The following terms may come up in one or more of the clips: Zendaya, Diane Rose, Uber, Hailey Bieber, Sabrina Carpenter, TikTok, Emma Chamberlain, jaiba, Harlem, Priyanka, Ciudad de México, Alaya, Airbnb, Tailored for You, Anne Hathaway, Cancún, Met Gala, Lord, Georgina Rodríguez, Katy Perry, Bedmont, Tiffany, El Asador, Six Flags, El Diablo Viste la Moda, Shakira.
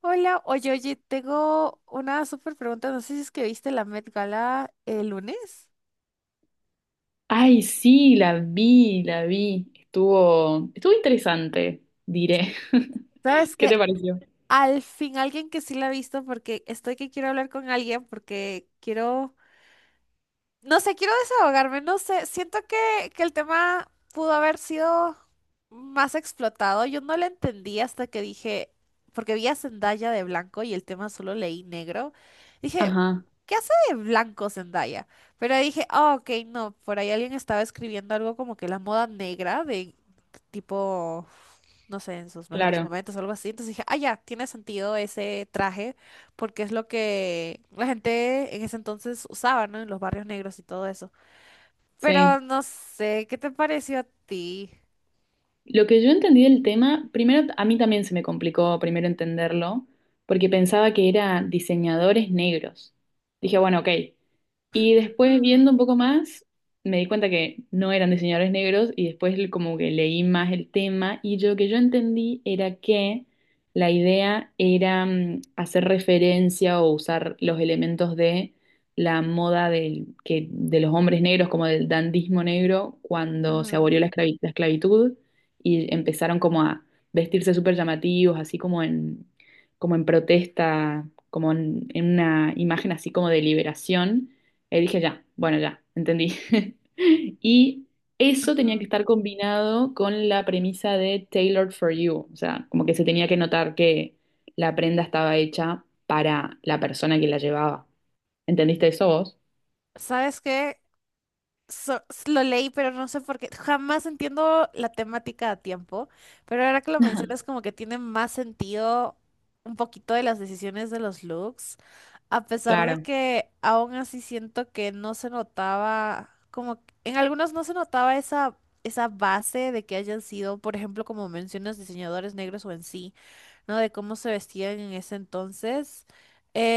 Hola, oye, oye, tengo una súper pregunta. No sé si es que viste la Met Gala el lunes. Ay, sí, la vi. Estuvo interesante, diré. ¿Sabes ¿Qué qué? te pareció? Al fin, alguien que sí la ha visto, porque estoy que quiero hablar con alguien, porque quiero. No sé, quiero desahogarme, no sé, siento que el tema pudo haber sido más explotado. Yo no lo entendí hasta que dije, porque vi a Zendaya de blanco y el tema solo leí negro. Dije, Ajá, ¿qué hace de blanco Zendaya? Pero ahí dije, ah, ok, no, por ahí alguien estaba escribiendo algo como que la moda negra de tipo, no sé, en sus mejores claro, momentos o algo así. Entonces dije, ah, ya, tiene sentido ese traje porque es lo que la gente en ese entonces usaba, ¿no? En los barrios negros y todo eso. sí. Pero no sé, ¿qué te pareció a ti? Lo que yo entendí del tema, primero a mí también se me complicó primero entenderlo, porque pensaba que era diseñadores negros. Dije, bueno, ok. Y después Mm, viendo un poco más, me di cuenta que no eran diseñadores negros y después como que leí más el tema lo que yo entendí era que la idea era hacer referencia o usar los elementos de la moda de los hombres negros, como del dandismo negro, cuando se ujú, abolió la la esclavitud y empezaron como a vestirse súper llamativos, como en protesta, en una imagen así como de liberación. Y dije, ya, bueno, ya, entendí. Y eso tenía ajá. que estar combinado con la premisa de Tailored for You, o sea, como que se tenía que notar que la prenda estaba hecha para la persona que la llevaba. ¿Entendiste eso vos? ¿Sabes qué? Lo leí, pero no sé por qué. Jamás entiendo la temática a tiempo, pero ahora que lo Ajá. mencionas, como que tiene más sentido un poquito de las decisiones de los looks, a pesar de Claro. que aún así siento que no se notaba, en algunos no se notaba esa, esa base de que hayan sido, por ejemplo, como mencionas, diseñadores negros o en sí, ¿no? De cómo se vestían en ese entonces.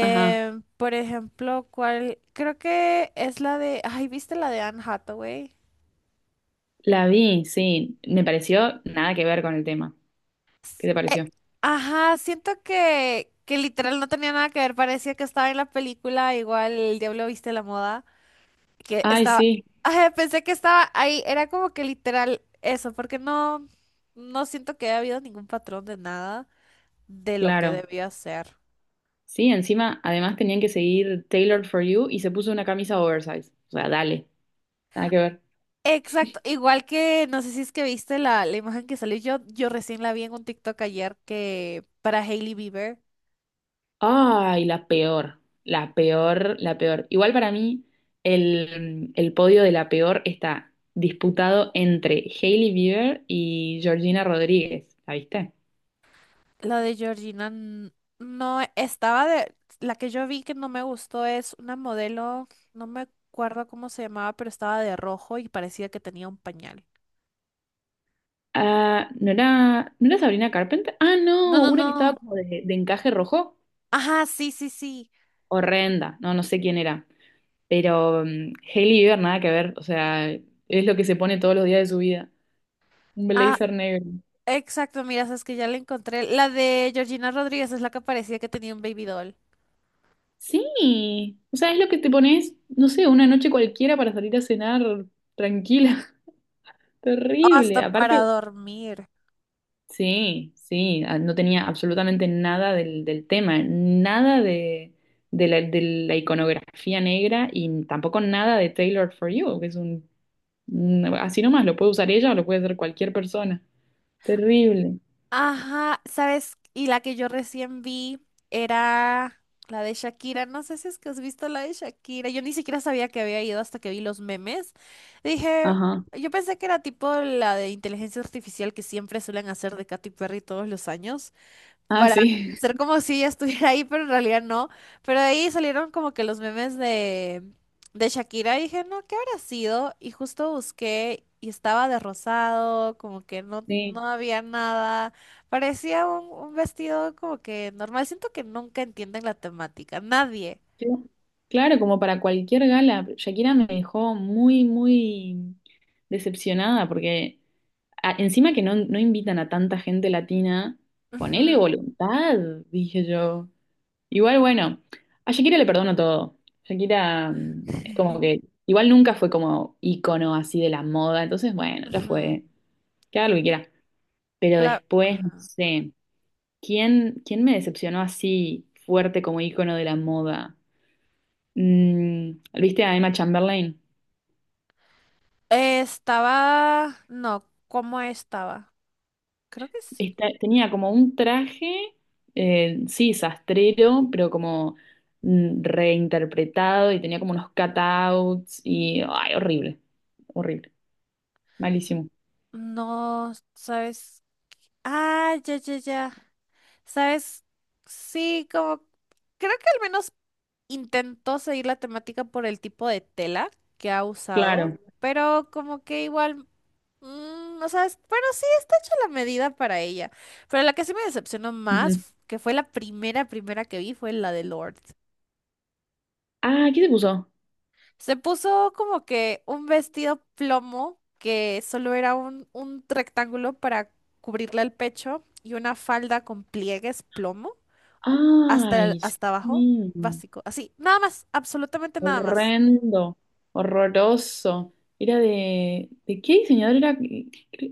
Ajá. Por ejemplo, ¿cuál? Creo que es la de... Ay, ¿viste la de Anne Hathaway? La vi, sí. Me pareció nada que ver con el tema. ¿Qué te Eh, pareció? Ajá, siento que literal no tenía nada que ver, parecía que estaba en la película, igual El Diablo Viste la Moda, que Ay, estaba, sí, ajá, pensé que estaba ahí, era como que literal eso, porque no, no siento que haya habido ningún patrón de nada de lo que claro. debía ser. Sí, encima, además tenían que seguir Tailored for You y se puso una camisa oversize. O sea, dale, nada que ver. Exacto, igual que no sé si es que viste la imagen que salió. Yo recién la vi en un TikTok ayer que para Hailey Bieber, Ay, la peor, la peor, la peor. Igual para mí, el podio de la peor está disputado entre Hailey Bieber y Georgina Rodríguez. ¿La viste? la de Georgina no estaba de. La que yo vi que no me gustó es una modelo, no me acuerdo cómo se llamaba, pero estaba de rojo y parecía que tenía un pañal. Ah, ¿no era Sabrina Carpenter? Ah, No, no, no, una que estaba no. como de encaje rojo. Ajá, sí, sí, sí. Horrenda. No, no sé quién era. Pero Hailey Bieber nada que ver, o sea, es lo que se pone todos los días de su vida. Un Ah, blazer negro. exacto, mira, sabes que ya la encontré. La de Georgina Rodríguez es la que parecía que tenía un baby doll. Sí, o sea, es lo que te pones, no sé, una noche cualquiera para salir a cenar tranquila. Terrible. Hasta para Aparte, dormir. sí, sí, no tenía absolutamente nada del tema, nada de, de la iconografía negra y tampoco nada de Tailored for You, que es así nomás, lo puede usar ella o lo puede hacer cualquier persona. Terrible. Ajá, ¿sabes? Y la que yo recién vi era la de Shakira. No sé si es que has visto la de Shakira. Yo ni siquiera sabía que había ido hasta que vi los memes. Dije, Ajá. yo pensé que era tipo la de inteligencia artificial que siempre suelen hacer de Katy Perry todos los años Ah, para sí. hacer como si ella estuviera ahí, pero en realidad no. Pero de ahí salieron como que los memes de Shakira y dije, no, ¿qué habrá sido? Y justo busqué y estaba de rosado, como que no, Sí, no había nada. Parecía un vestido como que normal. Siento que nunca entienden la temática, nadie. sí. Claro, como para cualquier gala. Shakira me dejó muy, muy decepcionada porque encima que no, no invitan a tanta gente latina, ponele Ujú. voluntad, dije yo. Igual, bueno, a Shakira le perdono todo. Shakira es como que igual nunca fue como icono así de la moda, entonces bueno, ya Ujú. fue, que haga lo que quiera. Pero después, no Ajá. sé, ¿quién, quién me decepcionó así fuerte como icono de la moda? Mm, ¿viste a Emma Chamberlain? Estaba, no, ¿cómo estaba? Creo que sí. Tenía como un traje, sí, sastrero, pero como reinterpretado y tenía como unos cutouts y, ay, horrible, horrible, malísimo. No, ¿sabes? Ah, ya, ya, ya. ¿Sabes? Sí, como creo que al menos intentó seguir la temática por el tipo de tela que ha usado, Claro. pero como que igual, no sabes, bueno, sí, está hecha la medida para ella, pero la que sí me decepcionó más, Ujú. Que fue la primera que vi, fue la de Lord. Ah, ¿qué se puso? Se puso como que un vestido plomo que solo era un rectángulo para cubrirle el pecho y una falda con pliegues plomo hasta, Ay, hasta abajo, sí. básico, así, nada más, absolutamente nada más. Horrendo, horroroso. Era ¿de qué diseñador era?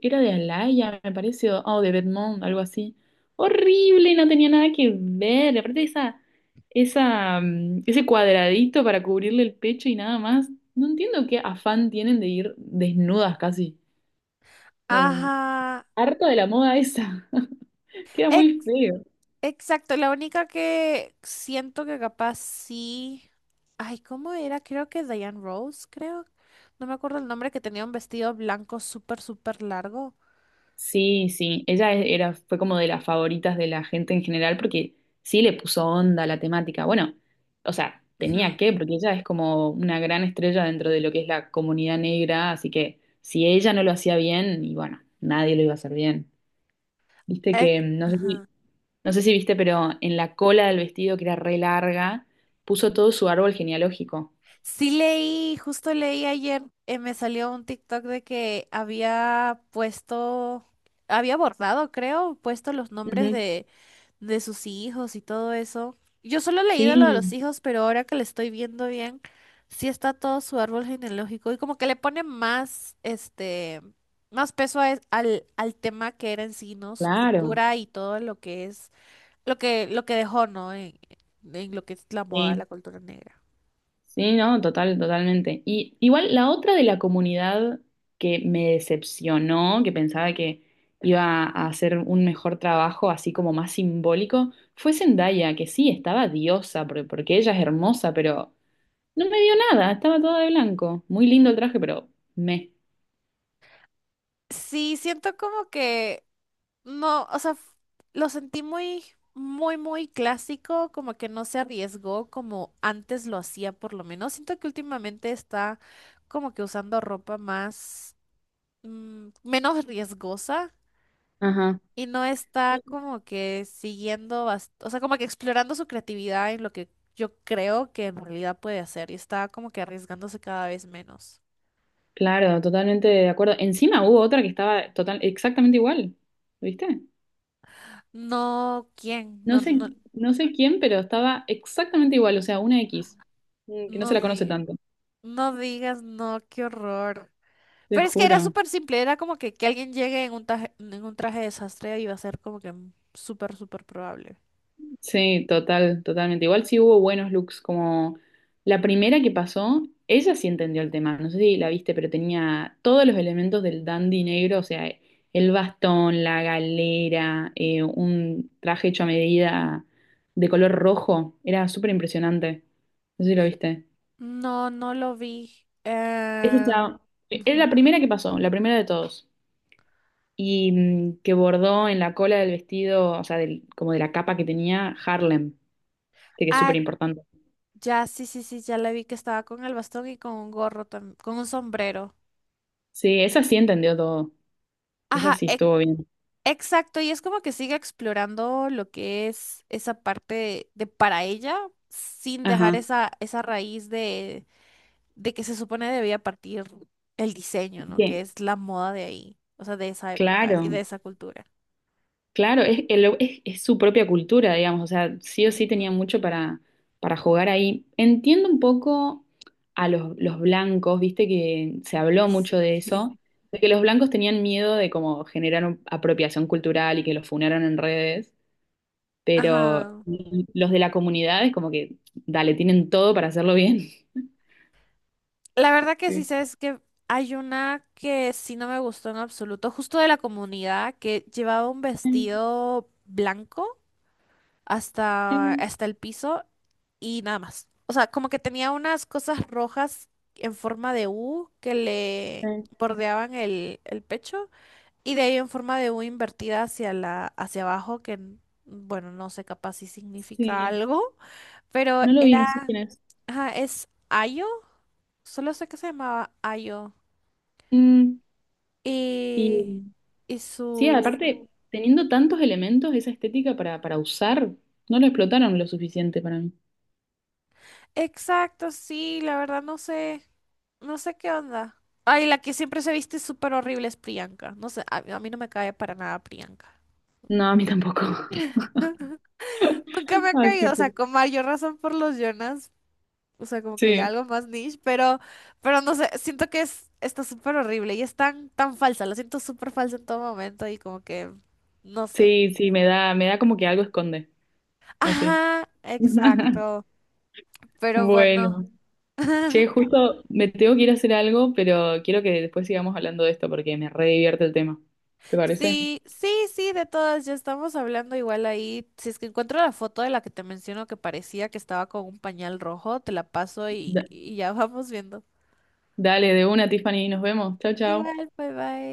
Era de Alaya, me parece, o de Bedmont, algo así. Horrible, no tenía nada que ver. Aparte ese cuadradito para cubrirle el pecho y nada más. No entiendo qué afán tienen de ir desnudas casi. No, Ajá, harto de la moda esa. Queda muy ex- feo. exacto, la única que siento que capaz sí, ay, ¿cómo era? Creo que Diane Rose, creo, no me acuerdo el nombre, que tenía un vestido blanco súper, súper largo. Sí, sí, ella fue como de las favoritas de la gente en general porque sí le puso onda a la temática. Bueno, o sea, Ujú. tenía que, porque ella es como una gran estrella dentro de lo que es la comunidad negra, así que si ella no lo hacía bien, y bueno, nadie lo iba a hacer bien. Viste Ex- que, Ajá. no sé si viste, pero en la cola del vestido, que era re larga, puso todo su árbol genealógico. Sí leí, justo leí ayer, me salió un TikTok de que había puesto, había bordado, creo, puesto los nombres Ujú. De sus hijos y todo eso. Yo solo he leído lo de los Sí, hijos, pero ahora que le estoy viendo bien, sí está todo su árbol genealógico y como que le pone más, este, más peso al, al tema que era en sí, ¿no? Su claro. cultura y todo lo que es, lo lo que dejó, ¿no? En lo que es la moda, Sí. la cultura negra. Sí, no, total, totalmente. Y igual la otra de la comunidad que me decepcionó, que pensaba que iba a hacer un mejor trabajo, así como más simbólico, fue Zendaya, que sí, estaba diosa, porque ella es hermosa, pero no me dio nada, estaba toda de blanco. Muy lindo el traje, pero me. Sí, siento como que no, o sea, lo sentí muy, muy, muy clásico, como que no se arriesgó como antes lo hacía, por lo menos. Siento que últimamente está como que usando ropa más, menos riesgosa Ajá. y no está como que siguiendo, o sea, como que explorando su creatividad en lo que yo creo que en realidad puede hacer y está como que arriesgándose cada vez menos. Claro, totalmente de acuerdo. Encima hubo otra que estaba total, exactamente igual, ¿viste? No, ¿quién? No No, sé, no, no sé quién, pero estaba exactamente igual, o sea, una X, que no no se la conoce tanto, no digas, no, qué horror. te Pero es que era juro. súper simple, era como que alguien llegue en un traje de desastre iba a ser como que súper, súper probable. Sí, total, totalmente. Igual sí hubo buenos looks, como la primera que pasó, ella sí entendió el tema, no sé si la viste, pero tenía todos los elementos del dandy negro, o sea, el bastón, la galera, un traje hecho a medida de color rojo, era súper impresionante, no sé si lo viste. No, no lo vi. Esa Eh, estaba- era ujú. la primera que pasó, la primera de todos. Y que bordó en la cola del vestido, o sea, como de la capa que tenía, Harlem, que es súper Ah, importante. ya, sí, sí, sí, ya la vi que estaba con el bastón y con un gorro, con un sombrero. Sí, esa sí entendió todo, esa Ajá, sí estuvo bien. exacto, y es como que sigue explorando lo que es esa parte de para ella, sin dejar Ajá. esa, esa raíz de que se supone debía partir el diseño, ¿no? Que Bien. es la moda de ahí, o sea, de esa época y de Claro, esa cultura. claro, es su propia cultura, digamos, o sea, sí o sí tenía Ujú. mucho para jugar ahí. Entiendo un poco a los blancos, viste que se habló mucho de Sí. eso, de que los blancos tenían miedo de como generar apropiación cultural y que los funaran en redes. Pero Ajá. los de la comunidad es como que, dale, tienen todo para hacerlo bien. La verdad que sí Sí. sé es que hay una que sí no me gustó en absoluto, justo de la comunidad, que llevaba un vestido blanco hasta, hasta el piso y nada más. O sea, como que tenía unas cosas rojas en forma de U que le bordeaban el pecho y de ahí en forma de U invertida hacia la, hacia abajo, bueno, no sé capaz si significa Sí, algo, pero no lo vi, no sé era, quién es. ajá, es Ayo, solo sé que se llamaba Ayo. Mm, y Y, y sí, su... aparte, teniendo tantos elementos, esa estética para usar, no lo explotaron lo suficiente para mí. Exacto, sí, la verdad no sé, no sé qué onda. Ay, la que siempre se viste súper horrible es Priyanka. No sé, a mí no me cae para nada Priyanka. No, a mí tampoco. Nunca me ha caído, Así o sea, que con mayor razón por los Jonas. O sea, como que ya sí, algo más niche, pero no sé, siento que es, está súper horrible y es tan, tan falsa, la siento súper falsa en todo momento y como que, no sé. sí, sí, me da como que algo esconde, así. Ajá, exacto, pero bueno. Bueno, che, justo me tengo que ir a hacer algo, pero quiero que después sigamos hablando de esto porque me re divierte el tema. ¿Te parece? Sí, sí, sí, de todas, ya estamos hablando igual ahí. Si es que encuentro la foto de la que te menciono que parecía que estaba con un pañal rojo, te la paso Da- y ya vamos viendo. dale, de una, Tiffany, nos vemos. Chao, chao. Igual, bye bye.